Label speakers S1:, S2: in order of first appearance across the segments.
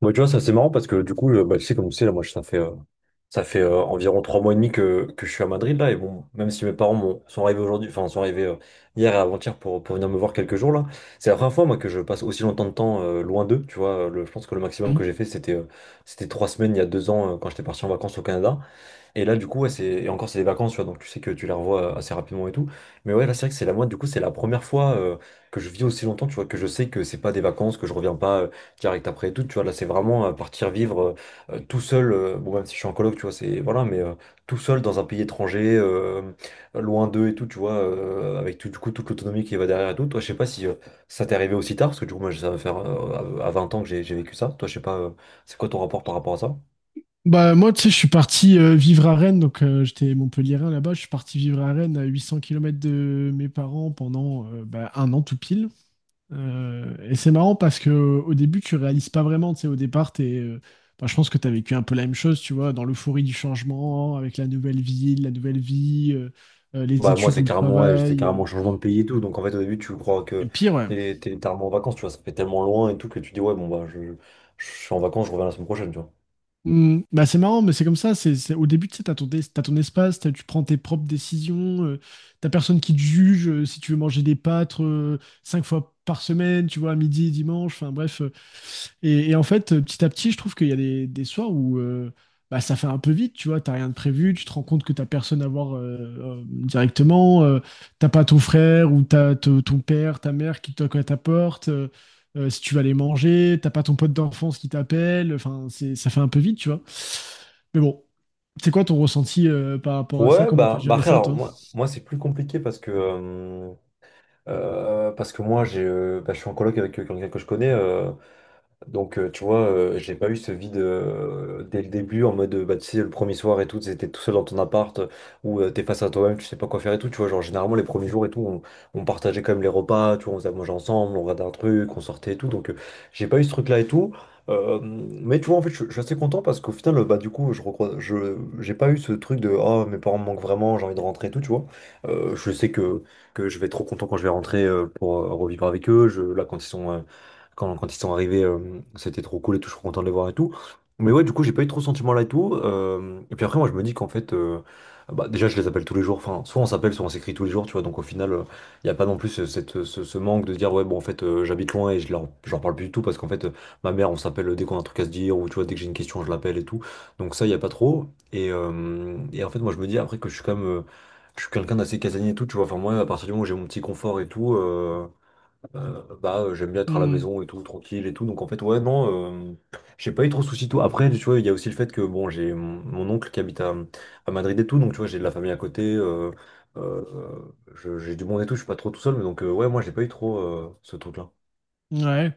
S1: Moi, tu vois, ça c'est marrant parce que du coup, bah, tu sais, comme tu sais, là, moi, ça fait environ trois mois et demi que je suis à Madrid, là. Et bon, même si mes parents sont arrivés aujourd'hui, enfin, sont arrivés hier et avant-hier pour venir me voir quelques jours, là, c'est la première fois, moi, que je passe aussi longtemps de temps loin d'eux, tu vois. Je pense que le maximum que j'ai fait, c'était c'était trois semaines il y a deux ans quand j'étais parti en vacances au Canada. Et là, du coup, ouais, c'est... et encore, c'est des vacances, tu vois, donc tu sais que tu les revois assez rapidement et tout. Mais ouais, là, c'est vrai que c'est la moi, du coup, c'est la première fois que je vis aussi longtemps, tu vois, que je sais que c'est pas des vacances, que je reviens pas direct après et tout, tu vois. Là, c'est vraiment partir vivre tout seul, bon, même si je suis en coloc, tu vois, c'est voilà, mais tout seul dans un pays étranger, loin d'eux et tout, tu vois, avec tout, du coup, toute l'autonomie qui va derrière et tout. Toi, je sais pas si ça t'est arrivé aussi tard, parce que du coup, moi, ça va faire à 20 ans que j'ai vécu ça. Toi, je sais pas, c'est quoi ton rapport par rapport à ça?
S2: Bah, moi, tu sais, je suis parti vivre à Rennes, donc j'étais Montpelliérain là-bas. Je suis parti vivre à Rennes à 800 km de mes parents pendant un an tout pile. Et c'est marrant parce que au début, tu réalises pas vraiment, tu sais, au départ, je pense que tu as vécu un peu la même chose, tu vois, dans l'euphorie du changement, avec la nouvelle ville, la nouvelle vie, les
S1: Bah, moi,
S2: études ou le
S1: ouais, c'est
S2: travail.
S1: carrément
S2: euh.
S1: un changement de pays et tout. Donc, en fait, au début, tu crois
S2: Et
S1: que
S2: pire, ouais.
S1: t'es littéralement en vacances, tu vois. Ça fait tellement loin et tout que tu dis, ouais, bon, bah, je suis en vacances, je reviens la semaine prochaine, tu vois.
S2: Hmm, bah c'est marrant, mais c'est comme ça. Au début, tu sais, t'as ton espace, tu prends tes propres décisions, t'as personne qui te juge si tu veux manger des pâtes cinq fois par semaine, tu vois, à midi, dimanche, enfin bref. Et en fait, petit à petit, je trouve qu'il y a des soirs où bah, ça fait un peu vite, tu vois, t'as rien de prévu, tu te rends compte que t'as personne à voir directement, t'as pas ton frère ou ton père, ta mère qui toque à ta porte. Si tu vas aller manger, t'as pas ton pote d'enfance qui t'appelle, enfin, ça fait un peu vite, tu vois. Mais bon, c'est quoi ton ressenti par rapport à ça?
S1: Ouais,
S2: Comment t'as
S1: bah
S2: géré
S1: après,
S2: ça,
S1: alors,
S2: toi?
S1: moi, c'est plus compliqué parce que moi, bah, je suis en coloc avec quelqu'un que je connais. Donc, tu vois, j'ai pas eu ce vide dès le début, en mode, bah, tu sais, le premier soir et tout, t'étais tout seul dans ton appart, où t'es face à toi-même, tu sais pas quoi faire et tout, tu vois, genre, généralement, les premiers jours et tout, on partageait quand même les repas, tu vois, on faisait à manger ensemble, on regardait un truc, on sortait et tout, donc j'ai pas eu ce truc-là et tout. Mais tu vois, en fait, je suis assez content parce qu'au final, bah, du coup, j'ai pas eu ce truc de, oh, mes parents me manquent vraiment, j'ai envie de rentrer et tout, tu vois. Je sais que je vais être trop content quand je vais rentrer pour revivre avec eux. Je, là, quand ils sont... euh, quand, quand ils sont arrivés, c'était trop cool et tout, je suis content de les voir et tout. Mais ouais, du coup, j'ai pas eu trop ce sentiment-là et tout. Et puis après, moi, je me dis qu'en fait, bah, déjà, je les appelle tous les jours. Enfin, soit on s'appelle, soit on s'écrit tous les jours, tu vois. Donc au final, il n'y a pas non plus ce manque de dire, ouais, bon, en fait, j'habite loin et je leur parle plus du tout parce qu'en fait, ma mère, on s'appelle dès qu'on a un truc à se dire ou tu vois, dès que j'ai une question, je l'appelle et tout. Donc ça, il n'y a pas trop. Et en fait, moi, je me dis après que je suis quand même. Je suis quelqu'un d'assez casanier et tout, tu vois. Enfin, moi, à partir du moment où j'ai mon petit confort et tout. Bah, j'aime bien être à la
S2: Hmm.
S1: maison et tout, tranquille et tout. Donc, en fait, ouais, non, j'ai pas eu trop de soucis. Tout. Après, tu vois, il y a aussi le fait que, bon, j'ai mon oncle qui habite à Madrid et tout. Donc, tu vois, j'ai de la famille à côté. Euh, j'ai du monde et tout. Je suis pas trop tout seul. Mais donc, ouais, moi, j'ai pas eu trop ce truc-là.
S2: Ouais.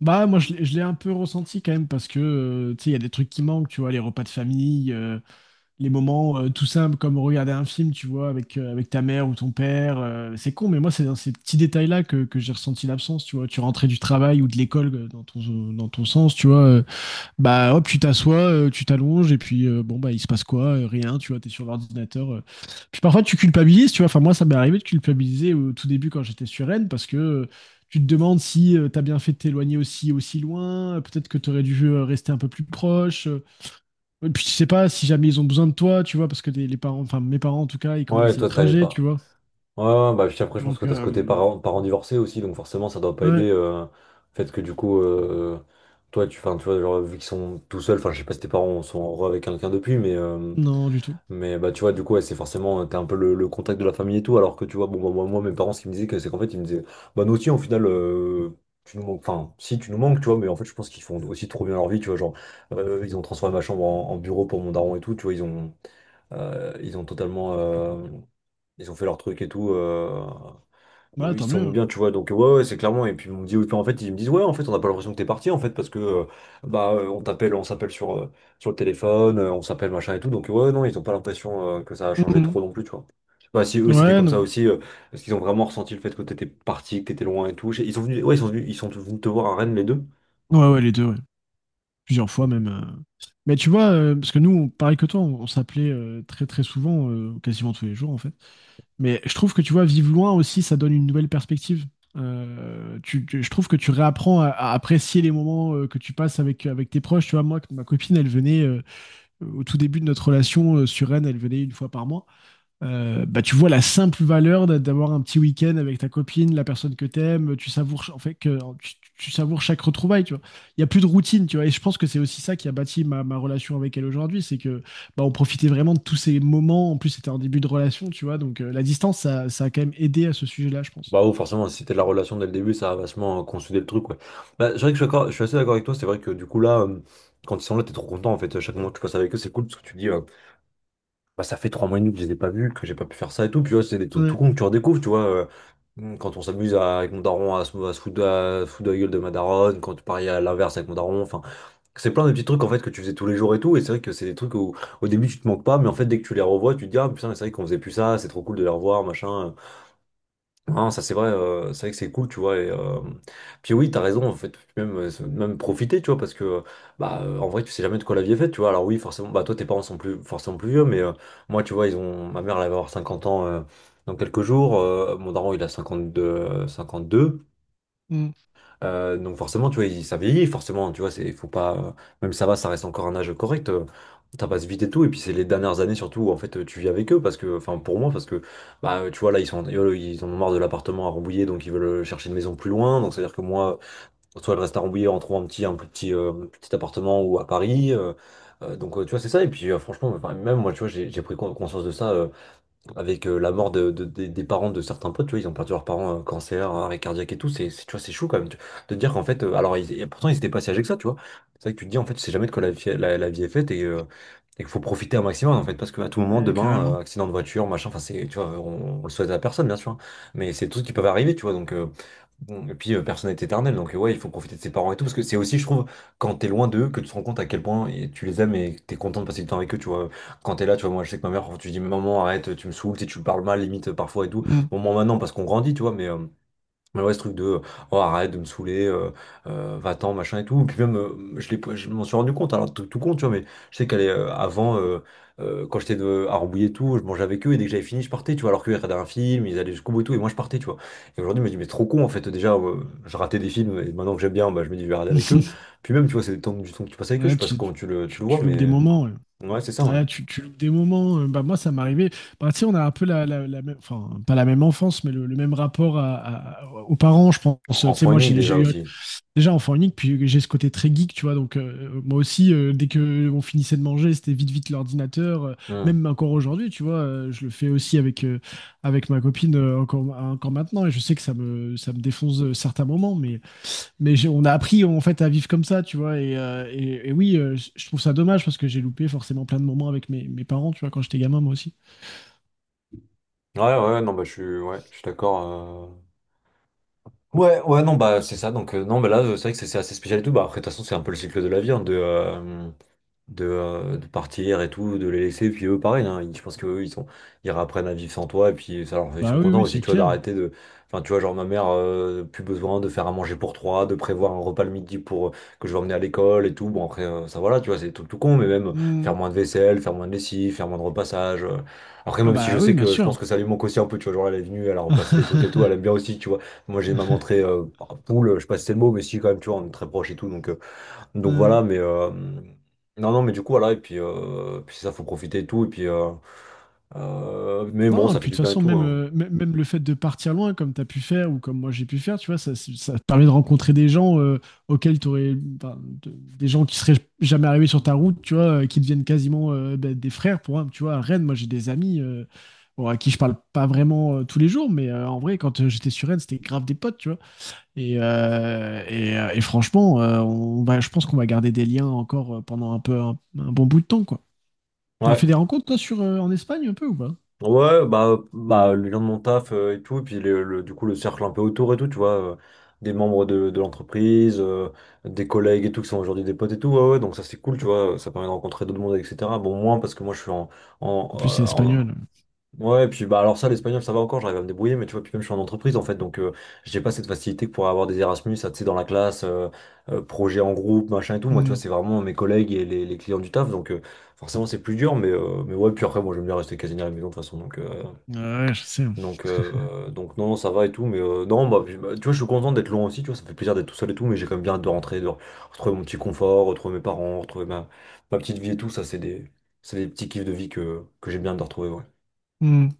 S2: Bah, moi, je l'ai un peu ressenti quand même parce que, tu sais, il y a des trucs qui manquent, tu vois, les repas de famille, les moments tout simples comme regarder un film, tu vois, avec ta mère ou ton père. C'est con, mais moi, c'est dans ces petits détails-là que j'ai ressenti l'absence, tu vois. Tu rentrais du travail ou de l'école dans dans ton sens, tu vois. Bah hop, tu t'assois, tu t'allonges, et puis bah il se passe quoi? Rien, tu vois, t'es sur l'ordinateur. Puis parfois tu culpabilises, tu vois. Enfin, moi, ça m'est arrivé de culpabiliser au tout début quand j'étais sur Rennes, parce que tu te demandes si t'as bien fait de t'éloigner aussi loin, peut-être que t'aurais dû rester un peu plus proche. Et puis tu sais pas si jamais ils ont besoin de toi, tu vois, parce que les parents, enfin mes parents en tout cas, ils
S1: Ouais,
S2: commencent à
S1: toi,
S2: être
S1: t'allais
S2: âgés, tu
S1: pas.
S2: vois.
S1: Ouais, ouais, bah, puis après, je pense
S2: Donc,
S1: que t'as ce côté
S2: euh,
S1: parents divorcés aussi. Donc, forcément, ça doit pas
S2: ouais,
S1: aider. Le fait que, du coup, toi, tu, 'fin, tu vois, genre, vu qu'ils sont tout seuls, enfin, je sais pas si tes parents sont heureux avec quelqu'un depuis, mais.
S2: non, du tout.
S1: Mais bah tu vois du coup ouais, c'est forcément t'es un peu le contact de la famille et tout, alors que tu vois, bon bah moi, mes parents, ce qu'ils me disaient, que c'est qu'en fait ils me disaient, bah nous aussi au final tu nous manques, enfin, si, tu nous manques, tu vois, mais en fait je pense qu'ils font aussi trop bien leur vie, tu vois, genre ils ont transformé ma chambre en bureau pour mon daron et tout, tu vois, ils ont totalement ils ont fait leur truc et tout.
S2: Ouais,
S1: Ils
S2: tant
S1: se sont mis
S2: mieux.
S1: bien, tu vois, donc ouais, ouais, c'est clairement. Et puis ils m'ont dit, oui, puis en fait, ils me disent, ouais, en fait, on n'a pas l'impression que t'es parti, en fait, parce que bah on t'appelle, on s'appelle sur le téléphone, on s'appelle machin et tout, donc ouais, non, ils n'ont pas l'impression que ça a changé
S2: Mhm.
S1: trop non plus, tu vois. Je sais pas si eux c'était
S2: Ouais,
S1: comme
S2: non.
S1: ça aussi, parce qu'ils ont vraiment ressenti le fait que t'étais parti, que t'étais loin et tout. Ils sont venus, ouais, ils sont venus te voir à Rennes les deux.
S2: Ouais, ouais, les deux, ouais. Plusieurs fois
S1: Ok.
S2: même. Mais tu vois, parce que nous, pareil que toi, on s'appelait très très souvent, quasiment tous les jours en fait. Mais je trouve que tu vois, vivre loin aussi, ça donne une nouvelle perspective. Je trouve que tu réapprends à apprécier les moments que tu passes avec, avec tes proches. Tu vois, moi, ma copine, elle venait au tout début de notre relation sur Rennes, elle venait une fois par mois. Tu vois la simple valeur d'avoir un petit week-end avec ta copine, la personne que t'aimes, en fait que tu savoures chaque retrouvaille, tu vois. Il y a plus de routine, tu vois. Et je pense que c'est aussi ça qui a bâti ma, ma relation avec elle aujourd'hui, c'est que bah, on profitait vraiment de tous ces moments. En plus, c'était un début de relation, tu vois. Donc la distance, ça a quand même aidé à ce sujet-là, je pense.
S1: Bah oh, forcément, si c'était la relation dès le début, ça a vachement consolidé le truc, ouais. Bah, c'est vrai que je suis assez d'accord avec toi, c'est vrai que du coup là, quand ils sont là, t'es trop content en fait. Chaque moment que tu passes avec eux, c'est cool parce que tu te dis. Bah, ça fait trois mois et demi que je les ai pas vus, que j'ai pas pu faire ça et tout. Puis ouais, c'est des trucs tout
S2: Ouais,
S1: con que tu redécouvres, tu vois. Quand on s'amuse avec mon daron à se foutre, foutre de la gueule de ma daronne, quand tu paries à l'inverse avec mon daron, enfin, c'est plein de petits trucs en fait que tu faisais tous les jours et tout. Et c'est vrai que c'est des trucs où au début tu te manques pas, mais en fait dès que tu les revois, tu te dis ah putain, c'est vrai qu'on faisait plus ça, c'est trop cool de les revoir, machin. Non, ça c'est vrai que c'est cool, tu vois. Et, puis oui, t'as raison, en fait, même, même profiter, tu vois, parce que bah en vrai, tu sais jamais de quoi la vie est faite, tu vois. Alors oui, forcément, bah toi, tes parents sont plus forcément plus vieux, mais moi, tu vois, ils ont ma mère, elle va avoir 50 ans dans quelques jours. Mon daron, il a 52.
S2: mm,
S1: Donc forcément, tu vois, ça vieillit, forcément, tu vois, c'est, faut pas, même ça va, ça reste encore un âge correct, ça passe vite et tout, et puis c'est les dernières années surtout où en fait tu vis avec eux, parce que, enfin pour moi, parce que, bah tu vois, là, ils sont, ils ont marre de l'appartement à Rambouillet, donc ils veulent chercher une maison plus loin, donc c'est-à-dire que moi, soit je reste à Rambouillet en trouvant un plus petit, petit appartement ou à Paris, donc tu vois, c'est ça, et puis franchement, enfin, même moi, tu vois, j'ai pris conscience de ça. Avec la mort des parents de certains potes, tu vois, ils ont perdu leurs parents, cancer, arrêt cardiaque et tout, tu vois, c'est chaud quand même, de dire qu'en fait, alors, et pourtant, ils étaient pas si âgés que ça, tu vois, c'est vrai que tu te dis, en fait, tu sais jamais de quoi la vie est faite, et et qu'il faut profiter un maximum, en fait, parce qu'à tout moment,
S2: ouais,
S1: demain,
S2: carrément.
S1: accident de voiture, machin, enfin, c'est, tu vois, on le souhaite à personne, bien sûr, hein, mais c'est tout ce qui peut arriver, tu vois, donc. Bon. Et puis, personne n'est éternel, donc ouais, il faut profiter de ses parents et tout, parce que c'est aussi, je trouve, quand t'es loin d'eux, que tu te rends compte à quel point et tu les aimes et que t'es content de passer du temps avec eux, tu vois. Quand t'es là, tu vois, moi, je sais que ma mère, quand tu dis, maman, arrête, tu me saoules, tu sais, tu me parles mal, limite, parfois et tout.
S2: Mm.
S1: Bon, moi, maintenant, parce qu'on grandit, tu vois, mais mais ouais, ce truc de, oh, arrête de me saouler, va-t'en, machin et tout. Puis même, je je m'en suis rendu compte, alors tout, tout compte, tu vois, mais je sais qu'elle est, euh, avant, quand j'étais à Rambouillet et tout, je mangeais avec eux, et dès que j'avais fini, je partais, tu vois, alors qu'ils regardaient un film, ils allaient jusqu'au bout et tout, et moi, je partais, tu vois. Et aujourd'hui, je me dis, mais trop con, en fait, déjà, je ratais des films, et maintenant que j'aime bien, bah, je me dis, je vais regarder avec eux. Puis même, tu vois, c'est du temps que tu passes avec eux, je
S2: Ouais,
S1: sais pas comment tu le, tu le vois,
S2: tu loupes des
S1: mais,
S2: moments, ouais.
S1: ouais, c'est ça, ouais.
S2: Ouais, tu loupes des moments. Bah, moi, ça m'arrivait. Bah, tu sais, on a un peu la même, enfin, pas la même enfance, mais le même rapport aux parents, je pense.
S1: En
S2: Tu sais,
S1: en
S2: moi,
S1: unique
S2: j'ai
S1: déjà
S2: eu
S1: aussi.
S2: déjà enfant unique, puis j'ai ce côté très geek, tu vois. Donc, moi aussi, dès que on finissait de manger, c'était vite, vite l'ordinateur.
S1: Hmm.
S2: Même encore aujourd'hui, tu vois, je le fais aussi avec ma copine encore, encore maintenant. Et je sais que ça me défonce certains moments, mais on a appris en fait à vivre comme ça, tu vois. Et oui, je trouve ça dommage parce que j'ai loupé forcément plein de moments avec mes, mes parents, tu vois, quand j'étais gamin, moi aussi.
S1: Ouais, ouais, non, bah je suis d'accord. Euh. Ouais, ouais, non, bah c'est ça. Donc, non, bah là, c'est vrai que c'est assez spécial et tout. Bah après, de toute façon, c'est un peu le cycle de la vie, hein, de partir et tout, de les laisser. Puis eux, pareil, hein, je pense qu'eux, ils apprennent à vivre sans toi. Et puis, ils sont
S2: Bah oui,
S1: contents
S2: oui,
S1: aussi,
S2: c'est
S1: tu vois,
S2: clair.
S1: d'arrêter de. Enfin, tu vois, genre, ma mère, plus besoin de faire à manger pour trois, de prévoir un repas le midi pour que je vais emmener à l'école et tout. Bon, après, ça, voilà, tu vois, c'est tout, tout con, mais même
S2: Hmm.
S1: faire moins de vaisselle, faire moins de lessive, faire moins de repassage. Euh. Après,
S2: Ah
S1: même si je
S2: bah oui,
S1: sais
S2: bien
S1: que je
S2: sûr.
S1: pense que ça lui manque aussi un peu, tu vois, genre, elle est venue, elle a repassé des trucs et tout, elle aime bien aussi, tu vois. Moi, j'ai ma montré poule, je sais pas si c'est le mot, mais si, quand même, tu vois, on est très proche et tout, donc. Euh, donc
S2: Ouais.
S1: voilà, mais non, non, mais du coup, voilà, et puis, puis ça, faut profiter et tout, et puis, mais bon,
S2: Non, et
S1: ça fait
S2: puis de
S1: du
S2: toute
S1: bien et
S2: façon,
S1: tout,
S2: même,
S1: hein.
S2: même le fait de partir loin, comme tu as pu faire ou comme moi j'ai pu faire, tu vois, ça te permet de rencontrer des gens des gens qui seraient jamais arrivés sur ta route, tu vois, qui deviennent quasiment ben, des frères pour un, tu vois. À Rennes, moi j'ai des amis bon, à qui je parle pas vraiment tous les jours, mais en vrai, quand j'étais sur Rennes, c'était grave des potes, tu vois. Et franchement, je pense qu'on va garder des liens encore pendant un bon bout de temps, quoi. T'as fait
S1: Ouais,
S2: des rencontres, toi, sur, en Espagne un peu ou pas?
S1: ouais, bah, bah, les gens de mon taf et tout, et puis du coup, le cercle un peu autour et tout, tu vois, des membres de l'entreprise, des collègues et tout, qui sont aujourd'hui des potes et tout, ouais, ouais, donc ça, c'est cool, tu vois, ça permet de rencontrer d'autres mondes, etc. Bon, moins parce que moi, je suis en,
S2: En plus,
S1: en,
S2: c'est
S1: euh, en,
S2: espagnol.
S1: Ouais, et puis bah alors ça, l'espagnol, ça va encore, j'arrive à me débrouiller, mais tu vois, puis même je suis en entreprise en fait, donc j'ai pas cette facilité que pourrait avoir des Erasmus, ça, tu sais, dans la classe, projet en groupe, machin et tout. Moi, tu vois,
S2: Mm.
S1: c'est vraiment mes collègues et les clients du taf, donc forcément c'est plus dur, mais ouais, puis après, moi j'aime bien rester quasi à la maison de toute façon,
S2: Ouais, je sais.
S1: donc non, ça va et tout, mais non, bah, puis, bah, tu vois, je suis content d'être loin aussi, tu vois, ça me fait plaisir d'être tout seul et tout, mais j'ai quand même bien hâte de rentrer, de retrouver mon petit confort, retrouver mes parents, retrouver ma petite vie et tout, ça, c'est des petits kiffs de vie que j'ai bien hâte de retrouver, ouais.
S2: Mm.